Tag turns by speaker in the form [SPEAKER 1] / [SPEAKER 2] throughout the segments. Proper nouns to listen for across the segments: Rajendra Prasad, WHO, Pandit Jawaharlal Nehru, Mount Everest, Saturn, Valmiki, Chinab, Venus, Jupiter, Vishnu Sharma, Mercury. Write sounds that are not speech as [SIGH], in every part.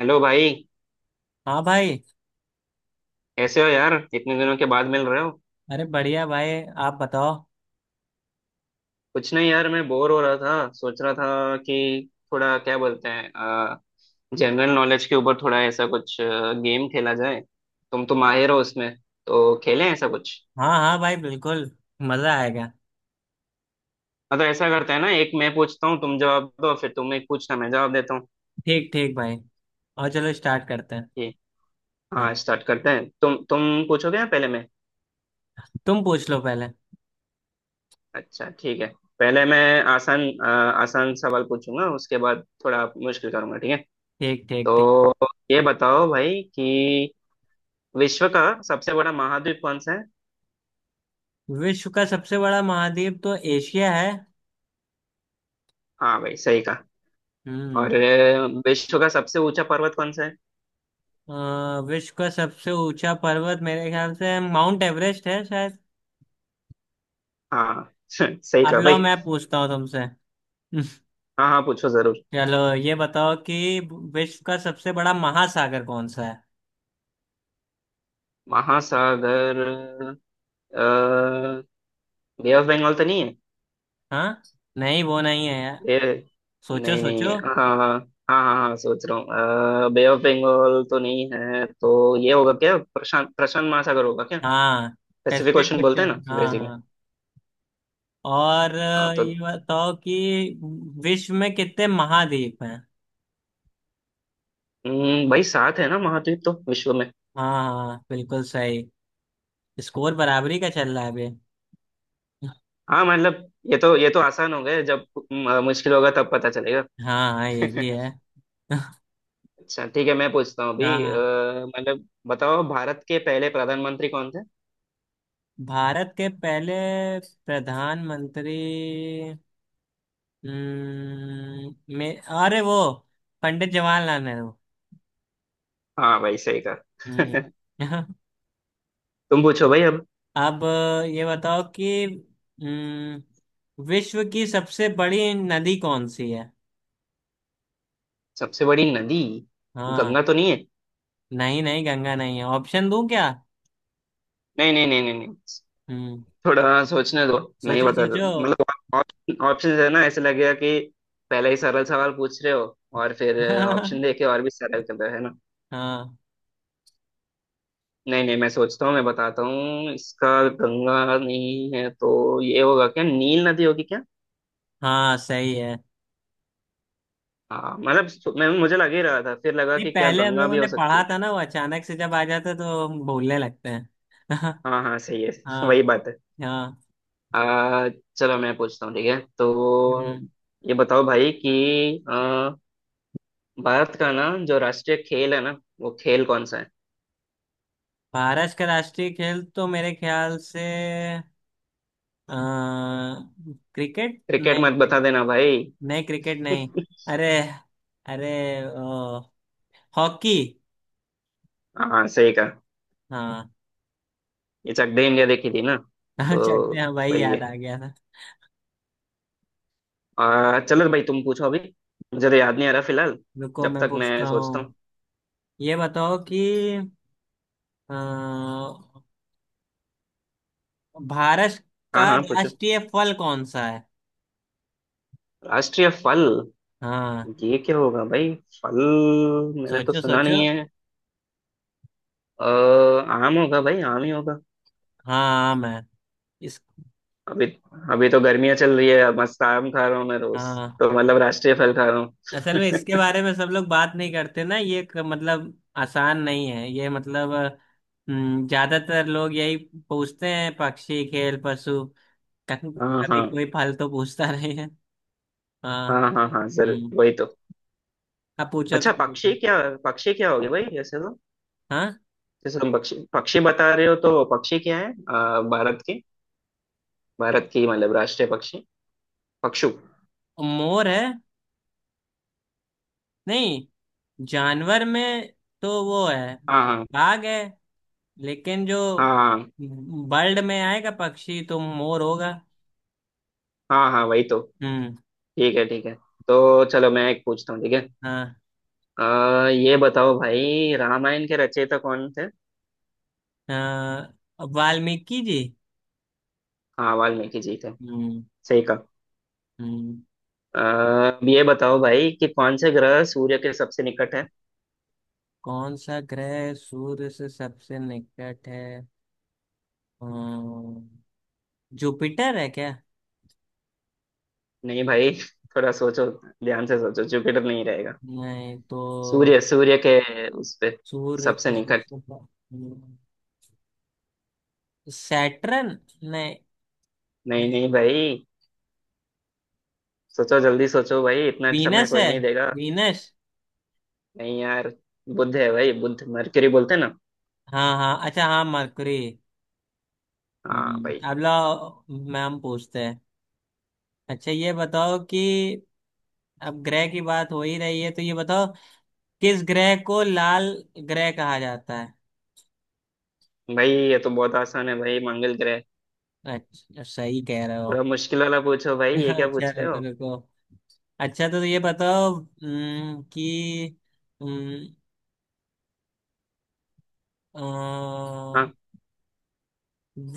[SPEAKER 1] Hello भाई।
[SPEAKER 2] हाँ भाई।
[SPEAKER 1] कैसे हो यार इतने दिनों के बाद मिल रहे हो।
[SPEAKER 2] अरे बढ़िया भाई। आप बताओ।
[SPEAKER 1] कुछ नहीं यार मैं बोर हो रहा था, सोच रहा था कि थोड़ा क्या बोलते हैं, जनरल नॉलेज के ऊपर थोड़ा ऐसा कुछ गेम खेला जाए। तुम तो माहिर हो उसमें, तो खेलें ऐसा कुछ।
[SPEAKER 2] हाँ हाँ भाई, बिल्कुल। मजा आएगा।
[SPEAKER 1] मतलब ऐसा करते हैं ना, एक मैं पूछता हूँ तुम जवाब दो, फिर तुम एक पूछना मैं जवाब देता हूँ।
[SPEAKER 2] ठीक ठीक भाई। और चलो स्टार्ट करते हैं।
[SPEAKER 1] ठीक। हाँ
[SPEAKER 2] हाँ।
[SPEAKER 1] स्टार्ट करते हैं। तुम पूछोगे या पहले मैं।
[SPEAKER 2] तुम पूछ लो पहले।
[SPEAKER 1] अच्छा ठीक है, पहले मैं आसान आसान सवाल पूछूंगा, उसके बाद थोड़ा मुश्किल करूंगा, ठीक है।
[SPEAKER 2] ठीक ठीक ठीक।
[SPEAKER 1] तो ये बताओ भाई कि विश्व का सबसे बड़ा महाद्वीप कौन सा है।
[SPEAKER 2] विश्व का सबसे बड़ा महाद्वीप तो एशिया है।
[SPEAKER 1] हाँ भाई सही कहा।
[SPEAKER 2] हम्म।
[SPEAKER 1] और विश्व का सबसे ऊंचा पर्वत कौन सा है।
[SPEAKER 2] विश्व का सबसे ऊंचा पर्वत मेरे ख्याल से माउंट एवरेस्ट है शायद।
[SPEAKER 1] हाँ [LAUGHS] सही
[SPEAKER 2] अब
[SPEAKER 1] कहा
[SPEAKER 2] लाओ
[SPEAKER 1] भाई।
[SPEAKER 2] मैं पूछता हूँ तुमसे। [LAUGHS]
[SPEAKER 1] हाँ हाँ, पूछो जरूर।
[SPEAKER 2] चलो ये बताओ कि विश्व का सबसे बड़ा महासागर कौन सा है।
[SPEAKER 1] महासागर। बे ऑफ बंगाल तो नहीं है।
[SPEAKER 2] हाँ। नहीं वो नहीं है यार।
[SPEAKER 1] ये।
[SPEAKER 2] सोचो
[SPEAKER 1] नहीं नहीं
[SPEAKER 2] सोचो।
[SPEAKER 1] है। हाँ हाँ हाँ। हाँ हाँ हाँ, सोच रहा हूँ। बे ऑफ बंगाल तो नहीं है, तो ये होगा क्या, प्रशांत प्रशांत महासागर होगा क्या।
[SPEAKER 2] हाँ
[SPEAKER 1] पैसिफिक
[SPEAKER 2] स्पेसिफिक
[SPEAKER 1] ओशन बोलते हैं ना
[SPEAKER 2] क्वेश्चन, हाँ
[SPEAKER 1] अंग्रेजी में।
[SPEAKER 2] हाँ। और
[SPEAKER 1] हाँ तो।
[SPEAKER 2] ये बताओ कि विश्व में कितने महाद्वीप हैं।
[SPEAKER 1] भाई सात है ना महाद्वीप तो विश्व में।
[SPEAKER 2] हाँ हाँ, बिल्कुल सही। स्कोर बराबरी का चल रहा है अभी।
[SPEAKER 1] हाँ मतलब ये तो आसान हो गए। जब मुश्किल होगा तब पता चलेगा।
[SPEAKER 2] हाँ हाँ, ये भी है।
[SPEAKER 1] [LAUGHS]
[SPEAKER 2] [LAUGHS]
[SPEAKER 1] अच्छा ठीक है, मैं पूछता हूँ अभी।
[SPEAKER 2] हाँ हाँ।
[SPEAKER 1] मतलब बताओ, भारत के पहले प्रधानमंत्री कौन थे।
[SPEAKER 2] भारत के पहले प्रधानमंत्री मे अरे वो पंडित जवाहरलाल नेहरू।
[SPEAKER 1] हाँ भाई सही
[SPEAKER 2] हम्म।
[SPEAKER 1] कहा। [LAUGHS]
[SPEAKER 2] [LAUGHS]
[SPEAKER 1] तुम पूछो भाई अब।
[SPEAKER 2] अब ये बताओ कि हम्म, विश्व की सबसे बड़ी नदी कौन सी है।
[SPEAKER 1] सबसे बड़ी नदी।
[SPEAKER 2] हाँ।
[SPEAKER 1] गंगा तो नहीं है।
[SPEAKER 2] नहीं नहीं गंगा नहीं है, ऑप्शन दूं क्या?
[SPEAKER 1] नहीं नहीं नहीं नहीं नहीं,
[SPEAKER 2] हम्म।
[SPEAKER 1] थोड़ा सोचने दो। नहीं
[SPEAKER 2] सोचो
[SPEAKER 1] बता,
[SPEAKER 2] सोचो।
[SPEAKER 1] मतलब ऑप्शन है ना, ऐसे लगेगा कि पहले ही सरल सवाल पूछ रहे हो और फिर ऑप्शन
[SPEAKER 2] [LAUGHS]
[SPEAKER 1] देके और भी सरल कर रहे हो, है ना।
[SPEAKER 2] हाँ
[SPEAKER 1] नहीं नहीं, मैं सोचता हूँ, मैं बताता हूँ इसका। गंगा नहीं है तो ये होगा क्या, नील नदी होगी क्या।
[SPEAKER 2] हाँ सही है।
[SPEAKER 1] हाँ मतलब मैं मुझे लग ही रहा था, फिर लगा
[SPEAKER 2] नहीं,
[SPEAKER 1] कि क्या
[SPEAKER 2] पहले हम
[SPEAKER 1] गंगा
[SPEAKER 2] लोगों
[SPEAKER 1] भी
[SPEAKER 2] ने
[SPEAKER 1] हो सकती
[SPEAKER 2] पढ़ा
[SPEAKER 1] है
[SPEAKER 2] था
[SPEAKER 1] क्या।
[SPEAKER 2] ना, वो अचानक से जब आ जाता तो हम भूलने लगते हैं। [LAUGHS]
[SPEAKER 1] हाँ हाँ सही है। [LAUGHS] वही
[SPEAKER 2] हाँ
[SPEAKER 1] बात है।
[SPEAKER 2] हाँ।
[SPEAKER 1] आ, चलो मैं पूछता हूँ, ठीक है
[SPEAKER 2] हम्म।
[SPEAKER 1] तो। ये बताओ भाई कि भारत का ना जो राष्ट्रीय खेल है ना, वो खेल कौन सा है।
[SPEAKER 2] भारत का राष्ट्रीय खेल तो मेरे ख्याल से अ, क्रिकेट
[SPEAKER 1] क्रिकेट
[SPEAKER 2] नहीं
[SPEAKER 1] मत बता देना भाई।
[SPEAKER 2] नहीं, क्रिकेट नहीं। अरे अरे ओ, हॉकी।
[SPEAKER 1] हाँ सही कहा।
[SPEAKER 2] हाँ।
[SPEAKER 1] ये चक दे इंडिया देखी थी ना,
[SPEAKER 2] [LAUGHS]
[SPEAKER 1] तो
[SPEAKER 2] चलते हैं भाई,
[SPEAKER 1] वही
[SPEAKER 2] याद
[SPEAKER 1] है।
[SPEAKER 2] आ गया था।
[SPEAKER 1] चलो भाई तुम पूछो अभी, मुझे तो याद नहीं आ रहा फिलहाल।
[SPEAKER 2] रुको
[SPEAKER 1] जब
[SPEAKER 2] मैं
[SPEAKER 1] तक मैं
[SPEAKER 2] पूछता
[SPEAKER 1] सोचता
[SPEAKER 2] हूँ।
[SPEAKER 1] हूँ।
[SPEAKER 2] ये बताओ कि अ, भारत
[SPEAKER 1] हाँ
[SPEAKER 2] का
[SPEAKER 1] हाँ, पूछो।
[SPEAKER 2] राष्ट्रीय फल कौन सा है।
[SPEAKER 1] राष्ट्रीय फल।
[SPEAKER 2] हाँ।
[SPEAKER 1] ये क्या होगा भाई। फल मैंने तो
[SPEAKER 2] सोचो
[SPEAKER 1] सुना
[SPEAKER 2] सोचो।
[SPEAKER 1] नहीं है। अ, आम होगा भाई, आम ही होगा।
[SPEAKER 2] हाँ आम है इस।
[SPEAKER 1] अभी अभी तो गर्मियाँ चल रही है, मस्त आम खा रहा हूँ मैं रोज।
[SPEAKER 2] हाँ,
[SPEAKER 1] तो मतलब राष्ट्रीय फल खा रहा हूँ।
[SPEAKER 2] असल में इसके बारे में सब लोग बात नहीं करते ना, ये मतलब आसान नहीं है ये मतलब। ज्यादातर लोग यही पूछते हैं, पक्षी खेल पशु। कभी
[SPEAKER 1] हाँ
[SPEAKER 2] कभी
[SPEAKER 1] हाँ
[SPEAKER 2] कोई फल तो पूछता नहीं है। हाँ।
[SPEAKER 1] हाँ। हाँ हाँ जरूर,
[SPEAKER 2] हम्म।
[SPEAKER 1] वही तो।
[SPEAKER 2] अब पूछो,
[SPEAKER 1] अच्छा
[SPEAKER 2] तुम पूछो।
[SPEAKER 1] पक्षी क्या। पक्षी क्या होगी भाई। जैसे तो,
[SPEAKER 2] हाँ।
[SPEAKER 1] जैसे तुम पक्षी पक्षी बता रहे हो तो पक्षी क्या है, भारत के, भारत की मतलब राष्ट्रीय पक्षी, पक्षु।
[SPEAKER 2] मोर है। नहीं, जानवर में तो वो है,
[SPEAKER 1] हाँ
[SPEAKER 2] बाघ है। लेकिन जो
[SPEAKER 1] हाँ
[SPEAKER 2] बर्ड में आएगा, पक्षी तो मोर होगा।
[SPEAKER 1] हाँ। हाँ वही तो।
[SPEAKER 2] हम्म।
[SPEAKER 1] ठीक है ठीक है। तो चलो मैं एक पूछता हूँ, ठीक है।
[SPEAKER 2] हाँ
[SPEAKER 1] ये बताओ भाई, रामायण के रचयिता कौन थे।
[SPEAKER 2] हाँ, वाल्मीकि जी।
[SPEAKER 1] हाँ वाल्मीकि जी थे,
[SPEAKER 2] हम्म।
[SPEAKER 1] सही कहा।
[SPEAKER 2] हम्म।
[SPEAKER 1] अ, अब ये बताओ भाई कि कौन से ग्रह सूर्य के सबसे निकट है।
[SPEAKER 2] कौन सा ग्रह सूर्य से सबसे निकट है। हम्म, जुपिटर है क्या?
[SPEAKER 1] नहीं भाई [LAUGHS] थोड़ा सोचो, ध्यान से सोचो, जुपिटर नहीं रहेगा।
[SPEAKER 2] नहीं तो।
[SPEAKER 1] सूर्य सूर्य के उस पे
[SPEAKER 2] सूर्य
[SPEAKER 1] सबसे
[SPEAKER 2] के
[SPEAKER 1] निकट।
[SPEAKER 2] सबसे हम्म, सैटर्न। नहीं।
[SPEAKER 1] नहीं
[SPEAKER 2] नहीं
[SPEAKER 1] नहीं भाई, सोचो जल्दी सोचो भाई, इतना समय
[SPEAKER 2] वीनस है,
[SPEAKER 1] कोई नहीं देगा।
[SPEAKER 2] वीनस।
[SPEAKER 1] नहीं यार, बुध है भाई, बुध, मरकरी बोलते हैं ना।
[SPEAKER 2] हाँ हाँ, अच्छा, हाँ मरकरी।
[SPEAKER 1] हाँ भाई।
[SPEAKER 2] हम्म। अब लो मैम पूछते हैं। अच्छा ये बताओ कि अब ग्रह की बात हो ही रही है, तो ये बताओ किस ग्रह को लाल ग्रह कहा जाता है।
[SPEAKER 1] भाई ये तो बहुत आसान है भाई, मंगल ग्रह।
[SPEAKER 2] अच्छा सही कह रहे हो।
[SPEAKER 1] थोड़ा मुश्किल वाला पूछो भाई, ये क्या
[SPEAKER 2] [LAUGHS] अच्छा
[SPEAKER 1] पूछ रहे
[SPEAKER 2] रुको
[SPEAKER 1] हो।
[SPEAKER 2] रुको। अच्छा तो ये बताओ कि हम्म, अ,
[SPEAKER 1] हाँ,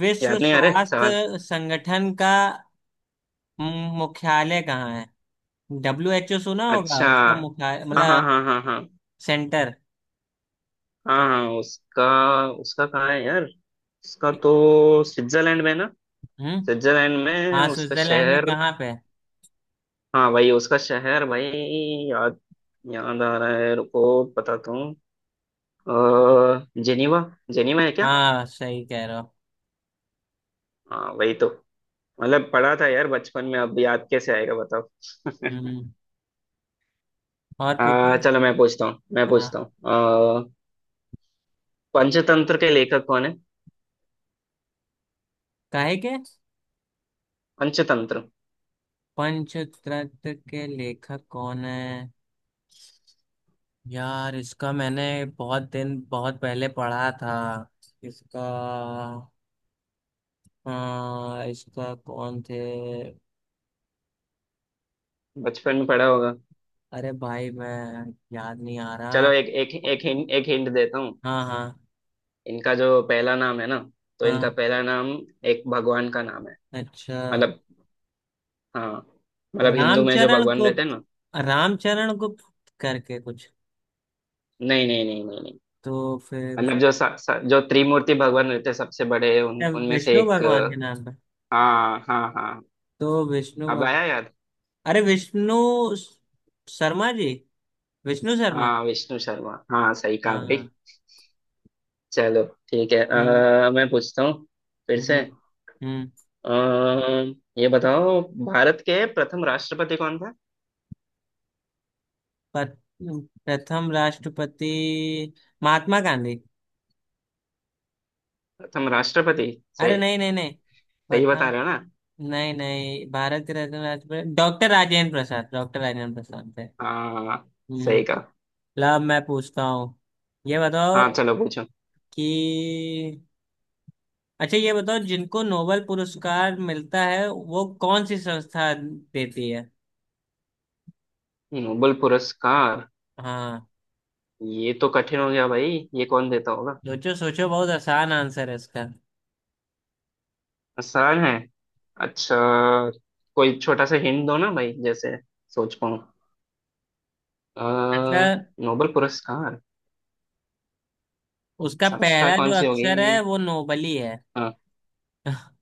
[SPEAKER 2] विश्व
[SPEAKER 1] याद नहीं आ रहे सवाल।
[SPEAKER 2] स्वास्थ्य संगठन का मुख्यालय कहाँ है। WHO सुना होगा,
[SPEAKER 1] अच्छा,
[SPEAKER 2] उसका मुख्यालय
[SPEAKER 1] हाँ हाँ
[SPEAKER 2] मतलब
[SPEAKER 1] हाँ हाँ हाँ
[SPEAKER 2] सेंटर।
[SPEAKER 1] हाँ। हाँ उसका, उसका कहाँ है यार। उसका तो स्विट्जरलैंड में ना।
[SPEAKER 2] हम्म।
[SPEAKER 1] स्विट्जरलैंड में
[SPEAKER 2] हाँ,
[SPEAKER 1] उसका
[SPEAKER 2] स्विट्जरलैंड में
[SPEAKER 1] शहर।
[SPEAKER 2] कहाँ पे?
[SPEAKER 1] हाँ भाई उसका शहर भाई, याद, याद आ रहा है, रुको बताता हूँ। जेनीवा, जेनीवा है क्या।
[SPEAKER 2] हाँ सही कह रहे हो।
[SPEAKER 1] हाँ वही तो। मतलब पढ़ा था यार बचपन में, अब याद कैसे आएगा बताओ।
[SPEAKER 2] हम्म। और पूछो।
[SPEAKER 1] चलो मैं पूछता
[SPEAKER 2] हाँ।
[SPEAKER 1] हूँ। आ, पंचतंत्र के लेखक कौन है।
[SPEAKER 2] काहे के?
[SPEAKER 1] पंचतंत्र,
[SPEAKER 2] पंचतंत्र के लेखक कौन है? यार इसका मैंने बहुत दिन, बहुत पहले पढ़ा था इसका। हाँ, इसका कौन थे?
[SPEAKER 1] बचपन में पढ़ा होगा।
[SPEAKER 2] अरे भाई मैं याद नहीं आ रहा।
[SPEAKER 1] चलो एक एक एक हिंट, एक हिंट देता हूँ।
[SPEAKER 2] हाँ हाँ
[SPEAKER 1] इनका जो पहला नाम है ना, तो इनका
[SPEAKER 2] हाँ।
[SPEAKER 1] पहला नाम एक भगवान का नाम है।
[SPEAKER 2] अच्छा
[SPEAKER 1] मतलब, हाँ, मतलब हिंदू में जो
[SPEAKER 2] रामचरण
[SPEAKER 1] भगवान रहते हैं
[SPEAKER 2] गुप्त,
[SPEAKER 1] ना।
[SPEAKER 2] रामचरण गुप्त करके कुछ।
[SPEAKER 1] नहीं नहीं नहीं नहीं नहीं।
[SPEAKER 2] तो फिर?
[SPEAKER 1] मतलब जो सा, सा, जो त्रिमूर्ति भगवान रहते हैं सबसे बड़े, उन
[SPEAKER 2] अच्छा,
[SPEAKER 1] उनमें से
[SPEAKER 2] विष्णु
[SPEAKER 1] एक।
[SPEAKER 2] भगवान के नाम पर।
[SPEAKER 1] हाँ हाँ हाँ,
[SPEAKER 2] तो विष्णु
[SPEAKER 1] अब
[SPEAKER 2] भगवान।
[SPEAKER 1] आया याद।
[SPEAKER 2] अरे विष्णु स- शर्मा जी, विष्णु शर्मा।
[SPEAKER 1] हाँ विष्णु शर्मा, हाँ सही कहा
[SPEAKER 2] हाँ हाँ।
[SPEAKER 1] भाई। चलो ठीक है।
[SPEAKER 2] हम्म।
[SPEAKER 1] मैं पूछता हूँ फिर
[SPEAKER 2] हम्म।
[SPEAKER 1] से।
[SPEAKER 2] हम्म।
[SPEAKER 1] ये बताओ, भारत के प्रथम राष्ट्रपति कौन थे।
[SPEAKER 2] प- प्रथम राष्ट्रपति महात्मा गांधी।
[SPEAKER 1] प्रथम राष्ट्रपति,
[SPEAKER 2] अरे
[SPEAKER 1] सही।
[SPEAKER 2] नहीं नहीं नहीं।
[SPEAKER 1] सही बता
[SPEAKER 2] प्रथम।
[SPEAKER 1] रहे हो ना।
[SPEAKER 2] नहीं नहीं, भारत के रत्न राष्ट्रपति डॉक्टर राजेंद्र प्रसाद, डॉक्टर राजेंद्र प्रसाद थे।
[SPEAKER 1] हाँ सही
[SPEAKER 2] हम्म।
[SPEAKER 1] कहा।
[SPEAKER 2] ला मैं पूछता हूँ। ये बताओ
[SPEAKER 1] हाँ चलो पूछो।
[SPEAKER 2] कि, अच्छा ये बताओ, जिनको नोबेल पुरस्कार मिलता है वो कौन सी संस्था देती है।
[SPEAKER 1] नोबेल पुरस्कार,
[SPEAKER 2] हाँ
[SPEAKER 1] ये तो कठिन हो गया भाई, ये कौन देता होगा।
[SPEAKER 2] सोचो सोचो, बहुत आसान आंसर है इसका।
[SPEAKER 1] आसान है, अच्छा। कोई छोटा सा हिंट दो ना भाई जैसे, सोच पाऊँ। अ,
[SPEAKER 2] मतलब
[SPEAKER 1] नोबेल पुरस्कार
[SPEAKER 2] उसका
[SPEAKER 1] संस्था
[SPEAKER 2] पहला जो
[SPEAKER 1] कौन सी होगी।
[SPEAKER 2] अक्षर है वो नोबल ही है।
[SPEAKER 1] हाँ,
[SPEAKER 2] [LAUGHS]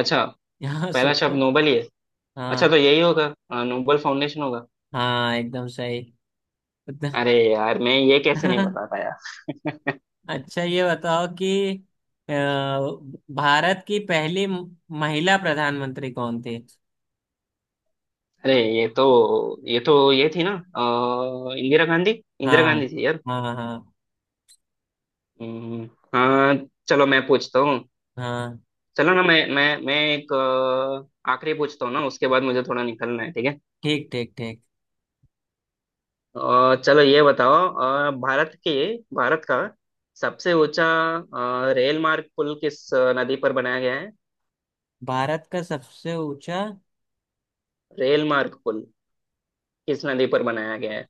[SPEAKER 1] अच्छा।
[SPEAKER 2] यहाँ
[SPEAKER 1] पहला शब्द
[SPEAKER 2] सोचो।
[SPEAKER 1] नोबेल ही है। अच्छा
[SPEAKER 2] हाँ
[SPEAKER 1] तो यही होगा, नोबेल फाउंडेशन होगा।
[SPEAKER 2] हाँ, एकदम सही।
[SPEAKER 1] अरे यार मैं ये कैसे नहीं बता
[SPEAKER 2] [LAUGHS]
[SPEAKER 1] पाया।
[SPEAKER 2] अच्छा ये बताओ कि अ, भारत की पहली महिला प्रधानमंत्री कौन थी।
[SPEAKER 1] अरे ये तो, ये थी ना, इंदिरा गांधी, इंदिरा
[SPEAKER 2] हाँ
[SPEAKER 1] गांधी थी यार।
[SPEAKER 2] हाँ। हाँ
[SPEAKER 1] हम्म, हाँ। चलो मैं पूछता हूँ।
[SPEAKER 2] हाँ।
[SPEAKER 1] चलो ना मैं एक आखिरी पूछता हूँ ना, उसके बाद मुझे थोड़ा निकलना है, ठीक है।
[SPEAKER 2] ठीक ठीक ठीक।
[SPEAKER 1] चलो ये बताओ, भारत का सबसे ऊंचा रेल मार्ग पुल किस नदी पर बनाया गया है।
[SPEAKER 2] भारत का सबसे ऊंचा
[SPEAKER 1] रेल मार्ग पुल किस नदी पर बनाया गया है।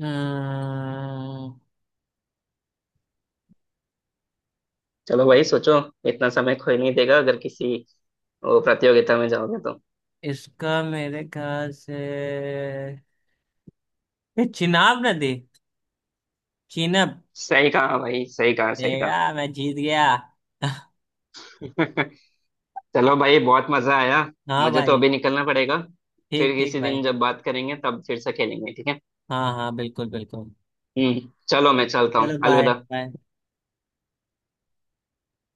[SPEAKER 2] अम्म,
[SPEAKER 1] चलो भाई सोचो, इतना समय कोई नहीं देगा अगर किसी प्रतियोगिता में जाओगे तो।
[SPEAKER 2] इसका मेरे ख्याल से ये चिनाब नदी, चिनब।
[SPEAKER 1] सही कहा भाई, सही कहा सही कहा।
[SPEAKER 2] देगा मैं जीत गया।
[SPEAKER 1] [LAUGHS] चलो भाई बहुत मजा आया,
[SPEAKER 2] हाँ
[SPEAKER 1] मुझे तो
[SPEAKER 2] भाई।
[SPEAKER 1] अभी निकलना पड़ेगा।
[SPEAKER 2] ठीक
[SPEAKER 1] फिर
[SPEAKER 2] ठीक
[SPEAKER 1] किसी दिन
[SPEAKER 2] भाई।
[SPEAKER 1] जब बात करेंगे तब फिर से खेलेंगे, ठीक है।
[SPEAKER 2] हाँ हाँ बिल्कुल बिल्कुल।
[SPEAKER 1] चलो मैं चलता हूँ,
[SPEAKER 2] चलो बाय
[SPEAKER 1] अलविदा।
[SPEAKER 2] बाय।